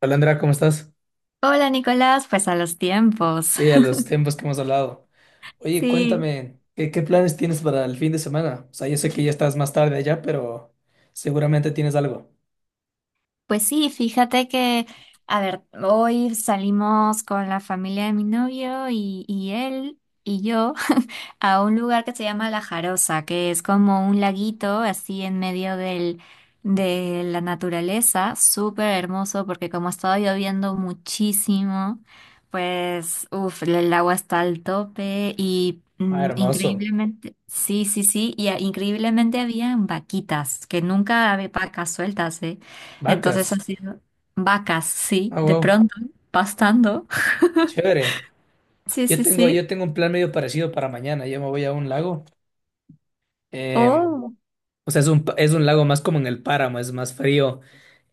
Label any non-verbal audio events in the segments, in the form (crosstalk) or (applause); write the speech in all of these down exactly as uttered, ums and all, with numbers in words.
Hola Andrea, ¿cómo estás? Hola Nicolás, pues a los tiempos. Sí, a (laughs) los tiempos que hemos hablado. Oye, Sí. cuéntame, ¿qué, qué planes tienes para el fin de semana? O sea, yo sé que ya estás más tarde allá, pero seguramente tienes algo. Pues sí, fíjate que, a ver, hoy salimos con la familia de mi novio y, y él y yo (laughs) a un lugar que se llama La Jarosa, que es como un laguito así en medio del, de la naturaleza. Súper hermoso porque como estaba lloviendo muchísimo, pues, uff, el agua está al tope y Ah, mm, hermoso. increíblemente, sí, sí, sí, y ah, increíblemente habían vaquitas, que nunca había vacas sueltas, ¿eh? Entonces ha Vacas. sido vacas, sí, Ah, de wow. pronto, pastando. (laughs) Chévere. Sí, Yo sí, tengo, yo sí. tengo un plan medio parecido para mañana. Yo me voy a un lago. Eh, Oh, o sea, es un, pa- es un lago más como en el páramo, es más frío.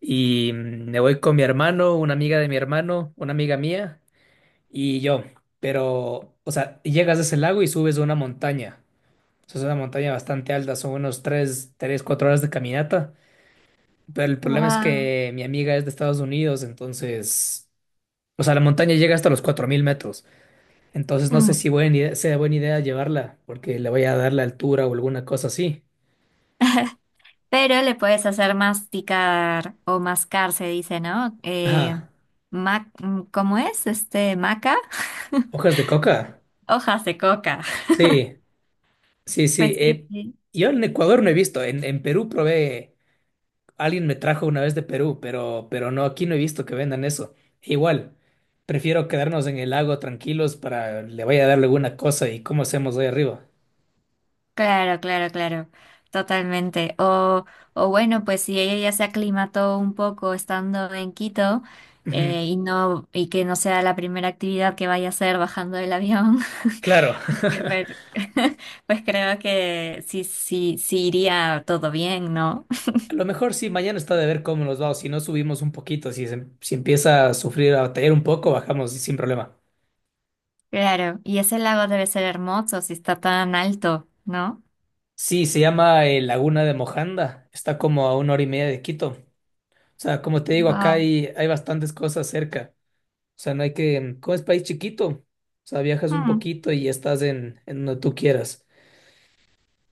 Y mm, me voy con mi hermano, una amiga de mi hermano, una amiga mía y yo. Pero, o sea, llegas a ese lago y subes a una montaña. Eso es una montaña bastante alta, son unos tres, tres, cuatro horas de caminata. Pero el problema es wow. que mi amiga es de Estados Unidos, entonces, o sea, la montaña llega hasta los cuatro mil metros. Entonces no sé Mm. si buena idea- sea buena idea llevarla, porque le voy a dar la altura o alguna cosa así. Pero le puedes hacer masticar o mascar, se dice, ¿no? Eh, Ajá. ma- mm, ¿cómo es? Este, maca. (laughs) ¿Hojas de coca? Hojas de coca. Sí, sí, sí. Pues sí, eh, sí. Yo en Ecuador no he visto, en, en Perú probé. Alguien me trajo una vez de Perú, pero, pero no, aquí no he visto que vendan eso. Igual, prefiero quedarnos en el lago tranquilos para le vaya a dar alguna cosa y cómo hacemos ahí arriba. Claro, claro, claro, totalmente. O, o bueno, pues si ella ya se aclimató un poco estando en Quito, Ujú. eh, y no y que no sea la primera actividad que vaya a hacer bajando del avión, Claro, (laughs) (laughs) que ver- (laughs) pues creo que sí, sí, sí iría todo bien, ¿no? a lo mejor sí, mañana está de ver cómo nos va, o si no subimos un poquito, si, se- si empieza a sufrir, a batallar un poco, bajamos sin problema. Claro, y ese lago debe ser hermoso si está tan alto, ¿no? Sí, se llama eh, Laguna de Mojanda, está como a una hora y media de Quito. O sea, como te digo, acá Wow. hay, hay bastantes cosas cerca. O sea, no hay que, como es país chiquito, o sea, viajas un Hmm. poquito y estás en, en donde tú quieras.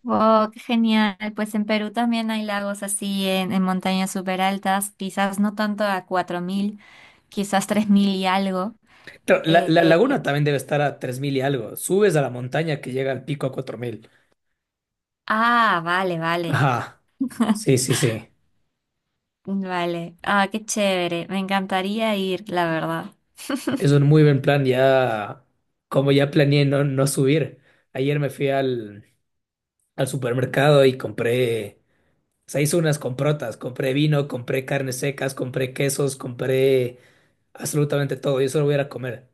Wow, qué genial. Pues en Perú también hay lagos así en, en montañas súper altas, quizás no tanto a cuatro mil. Quizás tres mil y algo. Claro, la, la Eh, laguna también debe estar a tres mil y algo. Subes a la montaña que llega al pico a cuatro mil. ah, vale, vale, Ajá, sí, sí, sí. vale. Ah, qué chévere, me encantaría ir, la verdad. Es un muy buen plan ya, como ya planeé no, no subir. Ayer me fui al, al supermercado y compré, o sea, hice unas comprotas. Compré vino, compré carnes secas, compré quesos, compré absolutamente todo. Yo solo voy a ir a comer.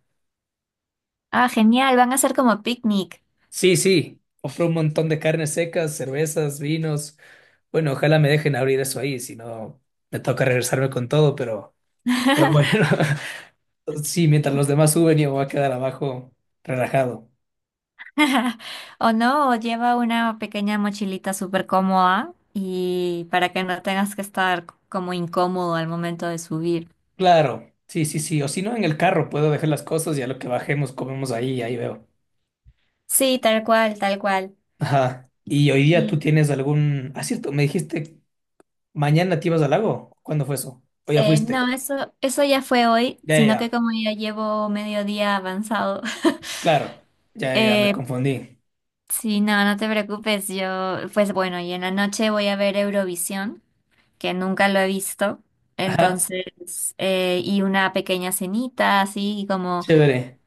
Ah, genial, van a ser como picnic. Sí, sí, ofrece un montón de carnes secas, cervezas, vinos. Bueno, ojalá me dejen abrir eso ahí, si no me toca regresarme con todo, pero, pero (laughs) bueno, (laughs) sí, mientras los demás suben yo me voy a quedar abajo relajado. O no, o lleva una pequeña mochilita súper cómoda y para que no tengas que estar como incómodo al momento de subir. Claro, sí, sí, sí, o si no en el carro puedo dejar las cosas y a lo que bajemos comemos ahí, ahí veo. Sí, tal cual, tal cual. Ajá, y hoy día tú Y tienes algún... Ah, cierto, me dijiste, mañana te ibas al lago, ¿cuándo fue eso? ¿O ya eh, fuiste? no, eso, eso ya fue hoy, Ya, ya, sino que ya, como ya llevo medio día avanzado. claro, ya, ya, ya, me (laughs) eh, confundí. Sí, no, no te preocupes, yo, pues bueno, y en la noche voy a ver Eurovisión, que nunca lo he visto. Ajá, Entonces, eh, y una pequeña cenita, así como, chévere,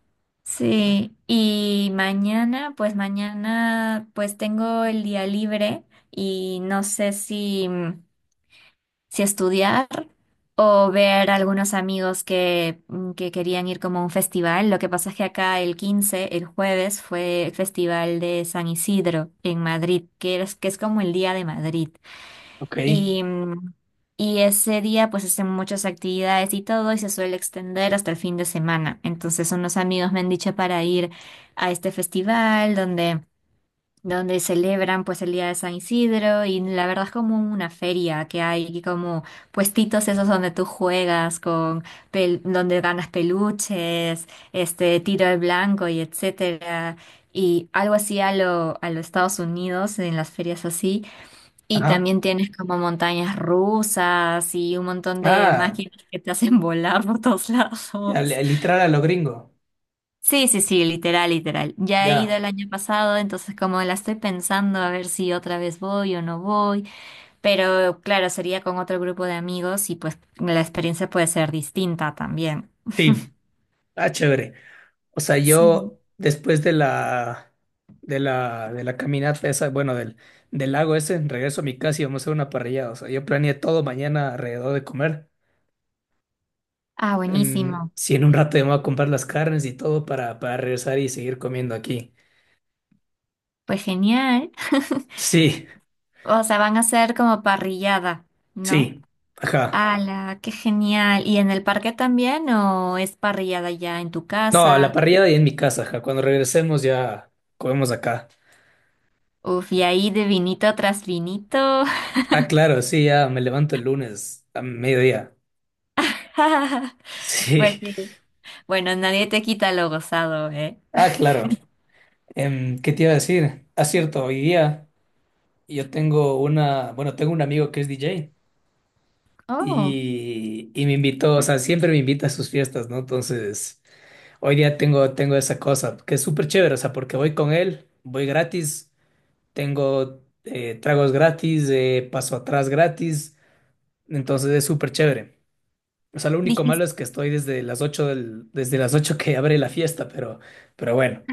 sí. Y mañana, pues mañana, pues tengo el día libre y no sé si, si estudiar o ver algunos amigos que, mm, que querían ir como a un festival. Lo que pasa es que acá el quince, el jueves, fue el Festival de San Isidro en Madrid, que es, que es como el Día de Madrid. ok. Y, mm, y ese día pues hacen muchas actividades y todo y se suele extender hasta el fin de semana. Entonces unos amigos me han dicho para ir a este festival donde donde celebran pues el día de San Isidro. Y la verdad es como una feria que hay como puestitos esos donde tú juegas con pel- donde ganas peluches, este tiro al blanco y etcétera, y algo así a lo a los Estados Unidos en las ferias así, y Ajá. también tienes como montañas rusas y un montón de Ah, máquinas que te hacen (laughs) volar por todos lados. ya, li- literal a lo gringo. Sí, sí, sí, literal, literal. Ya he ido Ya. el año pasado, entonces como la estoy pensando a ver si otra vez voy o no voy, pero claro, sería con otro grupo de amigos y pues la experiencia puede ser distinta también. Sí, ah, chévere. O sea, Sí. yo después de la de la de la caminata esa, bueno, del del lago ese, regreso a mi casa y vamos a hacer una parrilla. O sea, yo planeé todo mañana alrededor de comer. Ah, En, buenísimo. Si en un rato ya me voy a comprar las carnes y todo para, para regresar y seguir comiendo aquí. Pues genial. Sí, O sea, van a ser como parrillada, ¿no? sí. Ajá. ¡Hala! ¡Qué genial! ¿Y en el parque también o es parrillada ya en tu No, la casa? parrilla y en mi casa, ajá. Cuando regresemos ya comemos acá. Uf, y ahí de vinito tras vinito. Ah, claro, sí, ya me levanto el lunes a mediodía. (laughs) (laughs) Pues Sí. sí. Bueno, nadie te quita lo gozado, ¿eh? Ah, claro. Em, ¿qué te iba a decir? Ah, cierto, hoy día yo tengo una, bueno, tengo un amigo que es D J Oh, y, y me invitó, o sea, siempre me invita a sus fiestas, ¿no? Entonces, hoy día tengo, tengo esa cosa, que es súper chévere, o sea, porque voy con él, voy gratis, tengo eh, tragos gratis, eh, paso atrás gratis, entonces es súper chévere. O sea, lo único malo dijiste, es que estoy desde las ocho del, desde las ocho que abre la fiesta, pero, pero bueno.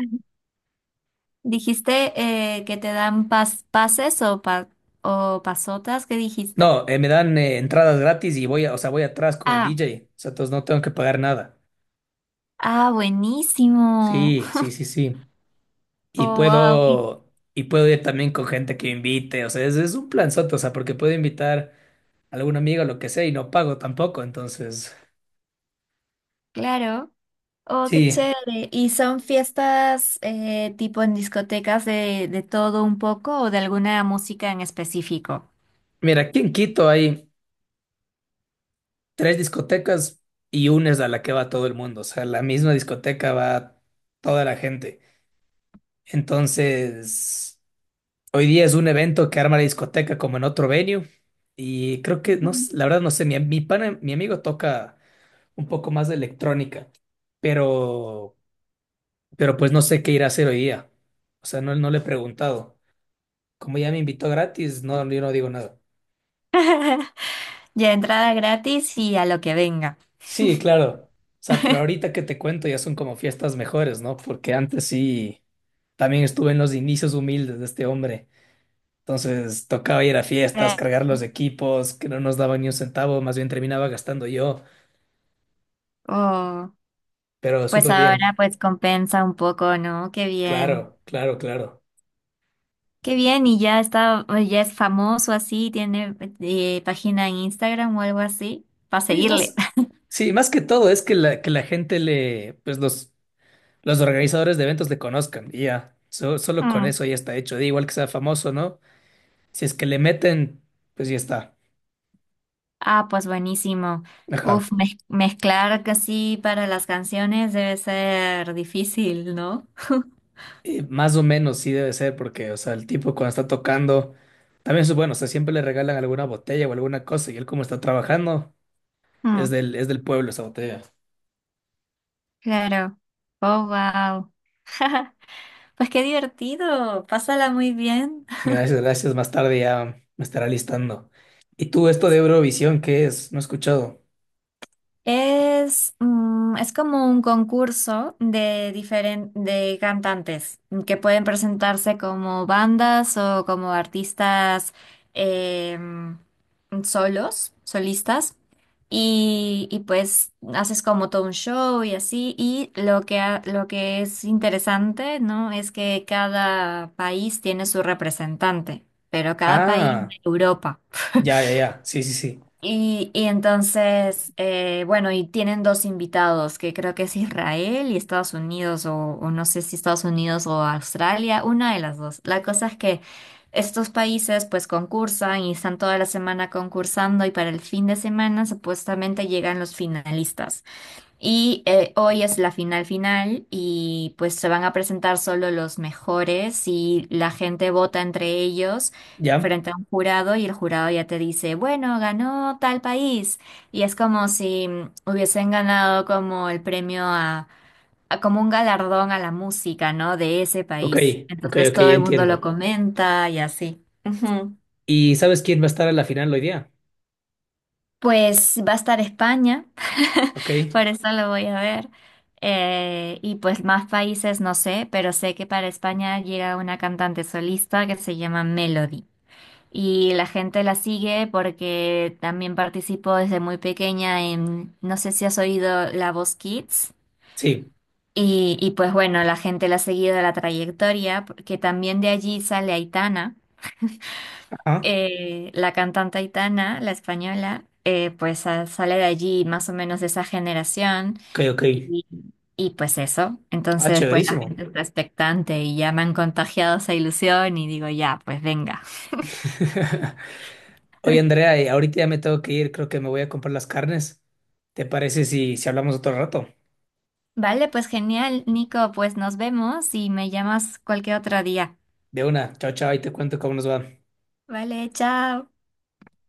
dijiste eh, que te dan pas- pases o, pa- o pasotas, ¿qué dijiste? No, eh, me dan eh, entradas gratis y voy, a- o sea, voy atrás con el Ah, D J. O sea, entonces no tengo que pagar nada. ah, buenísimo. Sí, sí, sí, sí. Y Oh, wow. Y puedo, y puedo ir también con gente que invite. O sea, es, es un planzote, o sea, porque puedo invitar a algún amigo lo que sea y no pago tampoco. Entonces, claro. Oh, qué sí. chévere. ¿Y son fiestas eh, tipo en discotecas de, de todo un poco o de alguna música en específico? Mira, aquí en Quito hay tres discotecas y una es a la que va todo el mundo. O sea, la misma discoteca va toda la gente. Entonces, hoy día es un evento que arma la discoteca como en otro venue. Y creo que, no, Mm. s- la verdad no sé, mi, mi pana, mi amigo toca un poco más de electrónica, pero, pero pues no sé qué irá a hacer hoy día. O sea, no, no le he preguntado. Como ya me invitó gratis, no, yo no digo nada. (laughs) Ya entrada gratis y a lo que venga. Sí, claro. O sea, pero ahorita que te cuento ya son como fiestas mejores, ¿no? Porque antes sí, también estuve en los inicios humildes de este hombre. Entonces tocaba ir a fiestas, Claro. cargar los equipos, que no nos daban ni un centavo, más bien terminaba gastando yo, Oh. pero Pues súper ahora bien. pues compensa un poco, ¿no? Qué bien. Claro, claro, claro. Qué bien, y ya está, ya es famoso así, tiene eh, página en Instagram o algo así, para Sí, seguirle. más, (laughs) sí, más que todo es que la, que la gente le, pues los, los organizadores de eventos le conozcan y ya. So- solo con Mm. eso ya está hecho. Da igual que sea famoso, ¿no? Si es que le meten, pues ya está. Ah, pues buenísimo. Ajá. Uf, mez- mezclar casi para las canciones debe ser difícil, ¿no? (laughs) Y más o menos sí debe ser, porque, o sea, el tipo cuando está tocando, también es bueno, o sea, siempre le regalan alguna botella o alguna cosa y él como está trabajando. Es Mm, del, Es del pueblo esa botella. claro. Oh, wow. (laughs) Pues qué divertido. Pásala muy bien. Gracias, gracias. Más tarde ya me estará listando. ¿Y tú esto de Eurovisión qué es? No he escuchado. Es, mm, es como un concurso de diferen- de cantantes, mm, que pueden presentarse como bandas o como artistas, em, solos, solistas. Y, y pues haces como todo un show y así. Y lo que, ha- lo que es interesante, ¿no? Es que cada país tiene su representante, pero cada país Ah, de Europa. ya, ya, ya. Sí, sí, sí. Y, y entonces, eh, bueno, y tienen dos invitados, que creo que es Israel y Estados Unidos, o, o no sé si Estados Unidos o Australia, una de las dos. La cosa es que estos países pues concursan y están toda la semana concursando y para el fin de semana supuestamente llegan los finalistas. Y eh, hoy es la final final y pues se van a presentar solo los mejores y la gente vota entre ellos Ya. frente a un jurado y el jurado ya te dice, bueno, ganó tal país. Y es como si, mm, hubiesen ganado como el premio a, a como un galardón a la música, ¿no? De ese Ok, país. ok, Entonces ok, ya todo el mundo lo entiendo. comenta y así. Ujú. ¿Y sabes quién va a estar a la final hoy día? Pues va a estar España, (laughs) Ok. por eso lo voy a ver. Eh, y pues más países no sé, pero sé que para España llega una cantante solista que se llama Melody. Y la gente la sigue porque también participó desde muy pequeña en, no sé si has oído La Voz Kids. Sí. Y, y pues bueno, la gente la ha seguido la trayectoria, porque también de allí sale Aitana, Ajá. eh, la cantante Aitana, la española, eh, pues sa- sale de allí más o menos de esa generación. Ok, ok. Y, y pues eso. Ah, Entonces después la chéverísimo. gente está expectante y ya me han contagiado esa ilusión y digo, ya, pues venga. (laughs) Oye, Andrea, y ahorita ya me tengo que ir. Creo que me voy a comprar las carnes. ¿Te parece si, si hablamos otro rato? Vale, pues genial, Nico, pues nos vemos y me llamas cualquier otro día. De una. Chao, chao, y te cuento cómo nos va. Vale, chao.